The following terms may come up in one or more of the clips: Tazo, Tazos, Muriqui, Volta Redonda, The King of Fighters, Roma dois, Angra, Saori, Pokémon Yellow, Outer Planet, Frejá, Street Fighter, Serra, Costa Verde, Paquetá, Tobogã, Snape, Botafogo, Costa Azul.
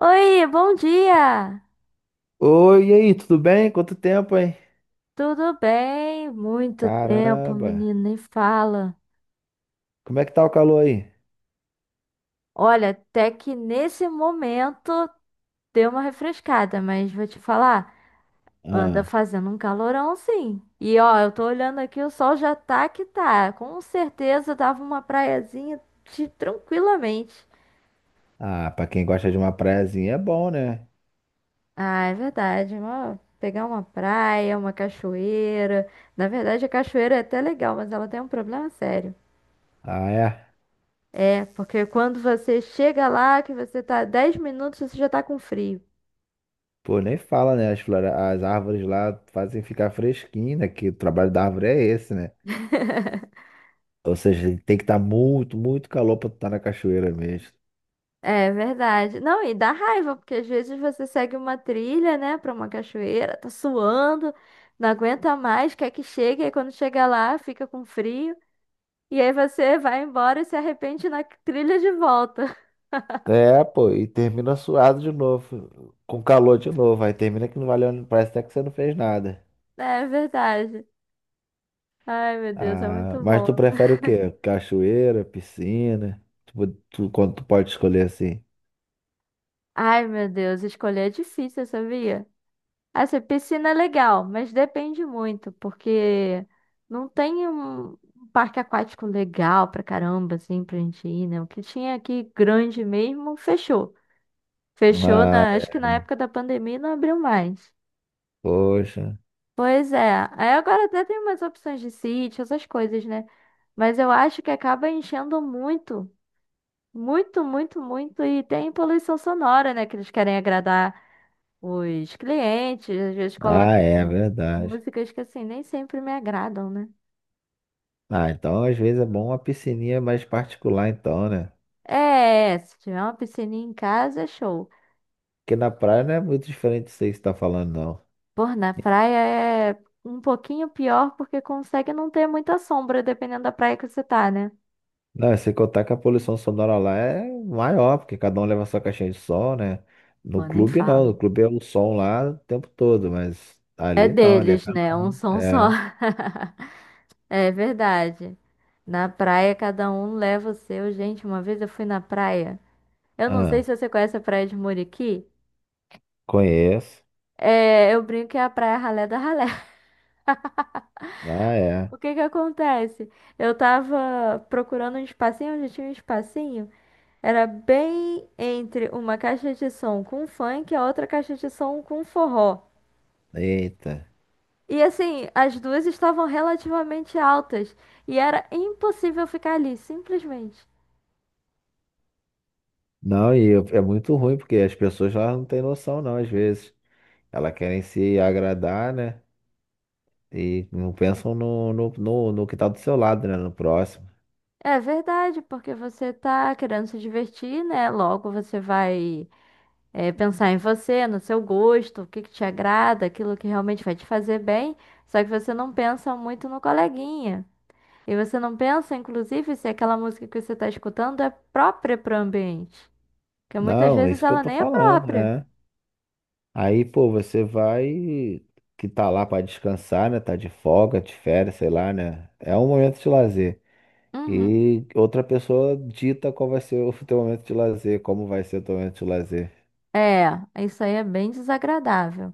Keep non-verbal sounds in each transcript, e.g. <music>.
Oi, bom dia! Oi, e aí, tudo bem? Quanto tempo, hein? Tudo bem? Muito tempo, Caramba, menino, nem fala. como é que tá o calor aí? Olha, até que nesse momento deu uma refrescada, mas vou te falar, anda Ah, fazendo um calorão sim. E ó, eu tô olhando aqui, o sol já tá que tá. Com certeza dava uma praiazinha de- tranquilamente. Pra quem gosta de uma praiazinha é bom, né? Ah, é verdade, uma- pegar uma praia, uma cachoeira. Na verdade, a cachoeira é até legal, mas ela tem um problema sério. Ah, é? É, porque quando você chega lá, que você tá 10 minutos, você já tá com frio. Pô, nem fala, né? As árvores lá fazem ficar fresquinho, né? Que o trabalho da árvore é esse, né? <laughs> Ou seja, tem que estar muito, muito calor pra tu estar na cachoeira mesmo. É verdade. Não, e dá raiva, porque às vezes você segue uma trilha, né, pra uma cachoeira, tá suando, não aguenta mais, quer que chegue, aí quando chega lá, fica com frio, e aí você vai embora e se arrepende na trilha de volta. <laughs> É, pô, e termina suado de novo, com calor de novo. Aí termina que não valeu, parece até que você não fez nada. É verdade. Ai, meu Deus, é Ah, muito mas bom. tu prefere o quê? Cachoeira, piscina? Tipo, tu, quando tu pode escolher assim? Ai, meu Deus, escolher é difícil, sabia? Assim, piscina é legal, mas depende muito, porque não tem um parque aquático legal pra caramba, assim, pra gente ir, né? O que tinha aqui grande mesmo, fechou. Fechou, Ah, na, acho que na época da pandemia não abriu mais. poxa. Pois é, aí agora até tem umas opções de sítio, essas coisas, né? Mas eu acho que acaba enchendo muito, muito, muito, muito, e tem poluição sonora, né? Que eles querem agradar os clientes, às vezes colocam Ah, é verdade. músicas que assim nem sempre me agradam, né? Ah, então às vezes é bom uma piscininha mais particular, então, né? É, se tiver uma piscininha em casa, é show. Porque na praia não é muito diferente disso aí que você tá falando, não. Por na praia é um pouquinho pior porque consegue não ter muita sombra, dependendo da praia que você tá, né? Não, e sem contar que a poluição sonora lá é maior, porque cada um leva sua caixinha de som, né? No Pô, nem clube não, no falo. clube é o som lá o tempo todo, mas É ali não, ali é deles, cada né? Um um. som só. É. <laughs> É verdade. Na praia, cada um leva o seu. Gente, uma vez eu fui na praia. Eu não sei Ah, se você conhece a praia de Muriqui. conheço. É, eu brinco que é a praia ralé da ralé. Ah, é. O que que acontece? Eu tava procurando um espacinho onde tinha um espacinho. Era bem entre uma caixa de som com funk e a outra caixa de som com forró. Eita. E assim, as duas estavam relativamente altas. E era impossível ficar ali, simplesmente. Não, e eu- é muito ruim, porque as pessoas lá não têm noção, não, às vezes. Elas querem se agradar, né? E não pensam no que tá do seu lado, né? No próximo. É verdade, porque você tá querendo se divertir, né? Logo você vai, é, pensar em você, no seu gosto, o que que te agrada, aquilo que realmente vai te fazer bem. Só que você não pensa muito no coleguinha. E você não pensa, inclusive, se aquela música que você está escutando é própria para o ambiente? Porque muitas Não, é vezes isso que eu ela tô nem é falando, própria. né? Aí, pô, você vai que tá lá pra descansar, né? Tá de folga, de férias, sei lá, né? É um momento de lazer. Uhum. E outra pessoa dita qual vai ser o <laughs> teu momento de lazer, como vai ser o teu momento de lazer. É, isso aí é bem desagradável.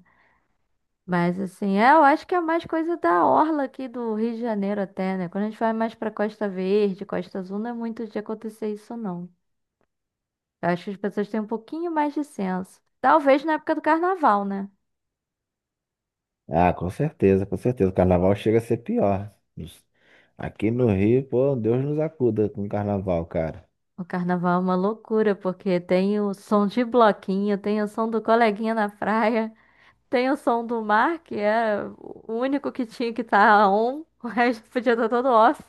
Mas assim, é, eu acho que é mais coisa da orla aqui do Rio de Janeiro até, né? Quando a gente vai mais para Costa Verde, Costa Azul, não é muito de acontecer isso, não. Eu acho que as pessoas têm um pouquinho mais de senso. Talvez na época do carnaval, né? Ah, com certeza, com certeza. O carnaval chega a ser pior. Aqui no Rio, pô, Deus nos acuda com o carnaval, cara. O carnaval é uma loucura, porque tem o som de bloquinho, tem o som do coleguinha na praia. Tem o som do mar, que é o único que tinha que estar on, <laughs> o resto podia estar todo off.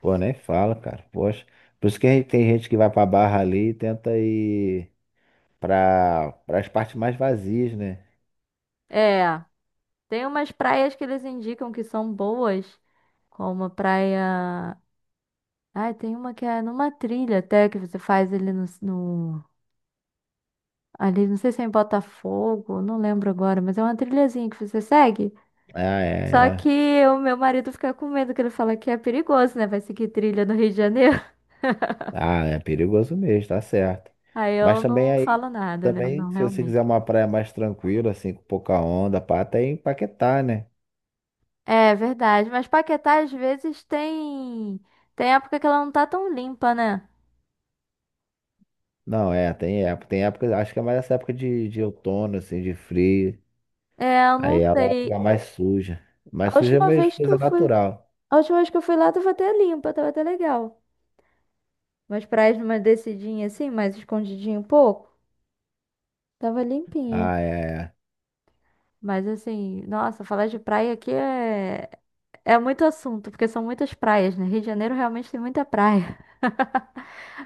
Pô, nem fala, cara. Poxa. Por isso que a gente- tem gente que vai pra Barra ali e tenta ir pras partes mais vazias, né? É, tem umas praias que eles indicam que são boas, como a praia. Ai, tem uma que é numa trilha até que você faz ali no, no- Ali, não sei se é em Botafogo, não lembro agora, mas é uma trilhazinha que você segue. Ah, é, Só que é. o meu marido fica com medo, que ele fala que é perigoso, né? Vai seguir trilha no Rio de Janeiro. <laughs> Ah, é perigoso mesmo, tá certo. Aí Mas eu também não aí, falo nada, né? também, Não, se você realmente. quiser uma praia mais tranquila, assim, com pouca onda, pá, até em Paquetá, né? É verdade, mas Paquetá às vezes tem época que ela não tá tão limpa, né? Não, é, tem época. Tem época, acho que é mais essa época de outono, assim, de frio. É, eu Aí não ela sei. fica mais suja. Mais A suja é última meio vez que coisa eu fui, natural. a última vez que eu fui lá tava até limpa, tava até legal. Mas praias numa descidinha assim, mais escondidinho um pouco, tava limpinha. Ah, é. Mas assim, nossa, falar de praia aqui é muito assunto, porque são muitas praias, né? Rio de Janeiro realmente tem muita praia.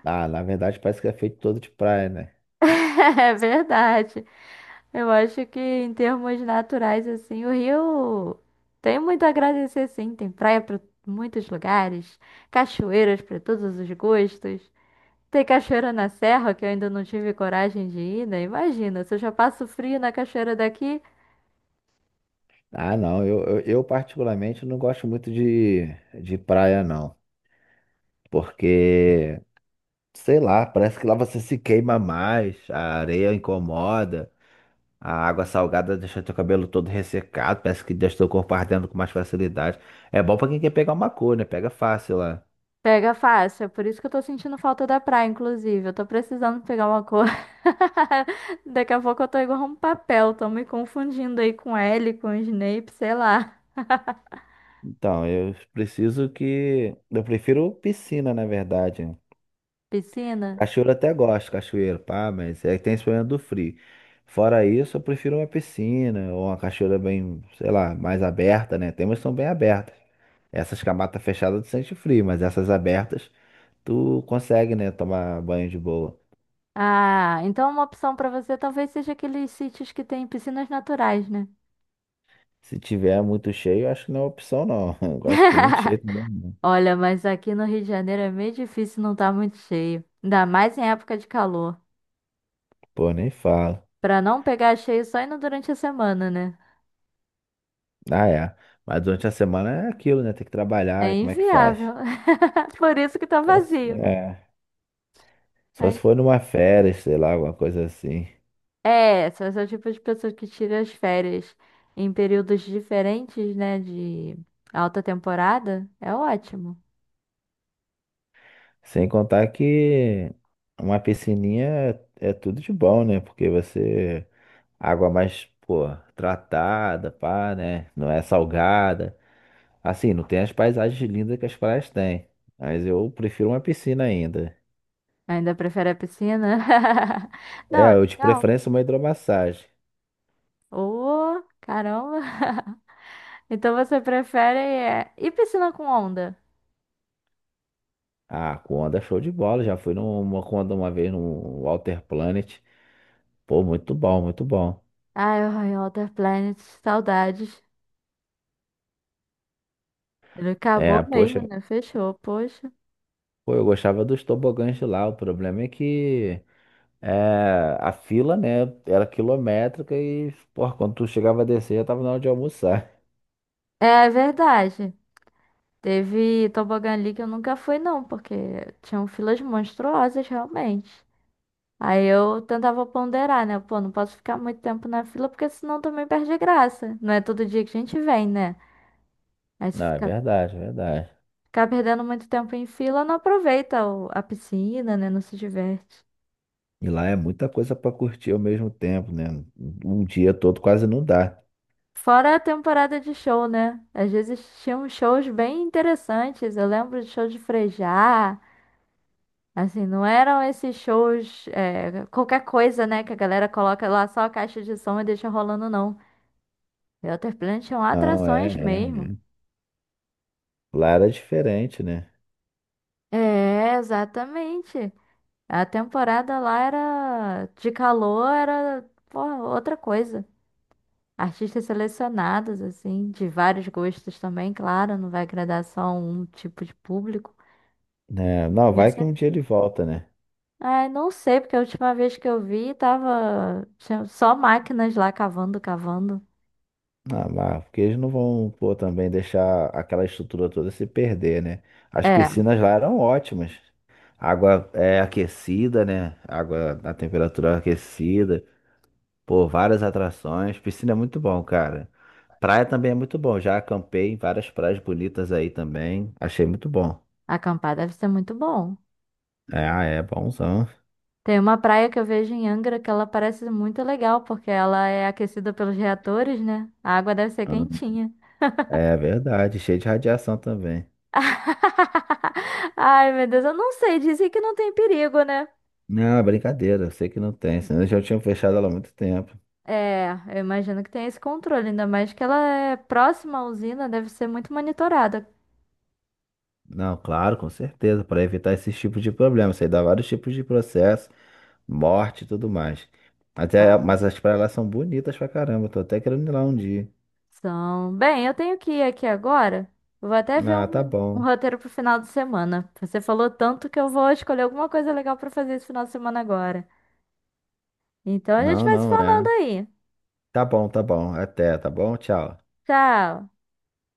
Ah, na verdade parece que é feito todo de praia, né? <laughs> É verdade. Eu acho que em termos naturais, assim, o Rio tem muito a agradecer, sim. Tem praia para muitos lugares, cachoeiras para todos os gostos. Tem cachoeira na Serra, que eu ainda não tive coragem de ir, né? Imagina, se eu já passo frio na cachoeira daqui, Ah, não. Eu particularmente não gosto muito de praia, não. Porque, sei lá, parece que lá você se queima mais, a areia incomoda, a água salgada deixa teu cabelo todo ressecado, parece que deixa teu corpo ardendo com mais facilidade. É bom pra quem quer pegar uma cor, né? Pega fácil lá. pega fácil. É por isso que eu tô sentindo falta da praia, inclusive. Eu tô precisando pegar uma cor. <laughs> Daqui a pouco eu tô igual um papel, tô me confundindo aí com L, com Snape, sei lá. Então, eu preciso que. Eu prefiro piscina, na verdade. Piscina. Cachoeira eu até gosto, cachoeira, pá, mas é que tem esse problema do frio. Fora isso, eu prefiro uma piscina ou uma cachoeira bem, sei lá, mais aberta, né? Tem umas que são bem abertas. Essas com a mata fechada tu sente frio, mas essas abertas tu consegue, né, tomar banho de boa. Ah, então uma opção pra você talvez seja aqueles sítios que tem piscinas naturais, né? Se tiver muito cheio, eu acho que não é opção, não. <laughs> Eu gosto de muito cheio <laughs> também. Não. Olha, mas aqui no Rio de Janeiro é meio difícil não estar muito cheio. Ainda mais em época de calor. Pô, nem falo. Pra não pegar cheio só indo durante a semana, né? Ah, é. Mas durante a semana é aquilo, né? Tem que trabalhar, É e como é que faz? inviável. <laughs> Por isso que tá Só se- vazio. É. Só se Aí- for numa férias, sei lá, alguma coisa assim. É, são esse tipo de pessoas que tiram as férias em períodos diferentes, né? De alta temporada. É ótimo. Sem contar que uma piscininha é tudo de bom, né? Porque você. Água mais, pô, tratada, pá, né? Não é salgada. Assim, não tem as paisagens lindas que as praias têm. Mas eu prefiro uma piscina ainda. Ainda prefere a piscina? <laughs> Não, É, é eu de legal. preferência uma hidromassagem. Ô, caramba! <laughs> Então você prefere é, e piscina com onda? Ah, com onda show de bola. Já fui numa com onda uma vez no Walter Planet. Pô, muito bom, muito bom. Ai, ai, Outer Planet, saudades. Ele É, acabou mesmo, poxa, né? Fechou, poxa. pô, eu gostava dos tobogãs de lá. O problema é que. É, a fila, né, era quilométrica e, porra, quando tu chegava a descer, já tava na hora de almoçar. É verdade. Teve Tobogã ali que eu nunca fui, não, porque tinham filas monstruosas, realmente. Aí eu tentava ponderar, né? Pô, não posso ficar muito tempo na fila, porque senão também perde a graça. Não é todo dia que a gente vem, né? Aí <laughs> se Não, é ficar, verdade, é verdade. Perdendo muito tempo em fila, não aproveita o- a piscina, né? Não se diverte. E lá é muita coisa pra curtir ao mesmo tempo, né? Um dia todo quase não dá. Fora a temporada de show, né? Às vezes tinham shows bem interessantes. Eu lembro de show de Frejá. Assim, não eram esses shows, é, qualquer coisa, né? Que a galera coloca lá só a caixa de som e deixa rolando, não. Outer Planet tinham Não, é, atrações é, mesmo. é. Lá era diferente, né? É, exatamente. A temporada lá era de calor, era, pô, outra coisa. Artistas selecionados, assim, de vários gostos também, claro, não vai agradar só um tipo de público. Né, não, Mas vai que um sempre. dia ele volta, né? Ai, não sei, porque a última vez que eu vi tava tinha só máquinas lá cavando, cavando. Ah, mas porque eles não vão, pô, também deixar aquela estrutura toda se perder, né? As É, piscinas lá eram ótimas. Água é aquecida, né? Água na temperatura aquecida. Pô, várias atrações. Piscina é muito bom, cara. Praia também é muito bom. Já acampei em várias praias bonitas aí também. Achei muito bom. acampar deve ser muito bom. É, ah, é bonzão. Tem uma praia que eu vejo em Angra que ela parece muito legal, porque ela é aquecida pelos reatores, né? A água deve ser quentinha. É verdade, cheio de radiação também. <laughs> Ai, meu Deus, eu não sei, dizem que não tem perigo, né? Não, é brincadeira, eu sei que não tem, senão eu já tinha fechado ela há muito tempo. É, eu imagino que tem esse controle, ainda mais que ela é próxima à usina, deve ser muito monitorada. Não, claro, com certeza, para evitar esses tipos de problemas. Isso aí dá vários tipos de processo, morte e tudo mais. Até, mas as praias lá são bonitas pra caramba, tô até querendo ir lá um dia. São. Bem, eu tenho que ir aqui agora. Vou até ver Ah, tá um, um bom. roteiro pro final de semana. Você falou tanto que eu vou escolher alguma coisa legal pra fazer esse final de semana agora. Então a gente Não, vai se não, falando é. aí. Tá bom, tá bom. Até, tá bom? Tchau. Tchau.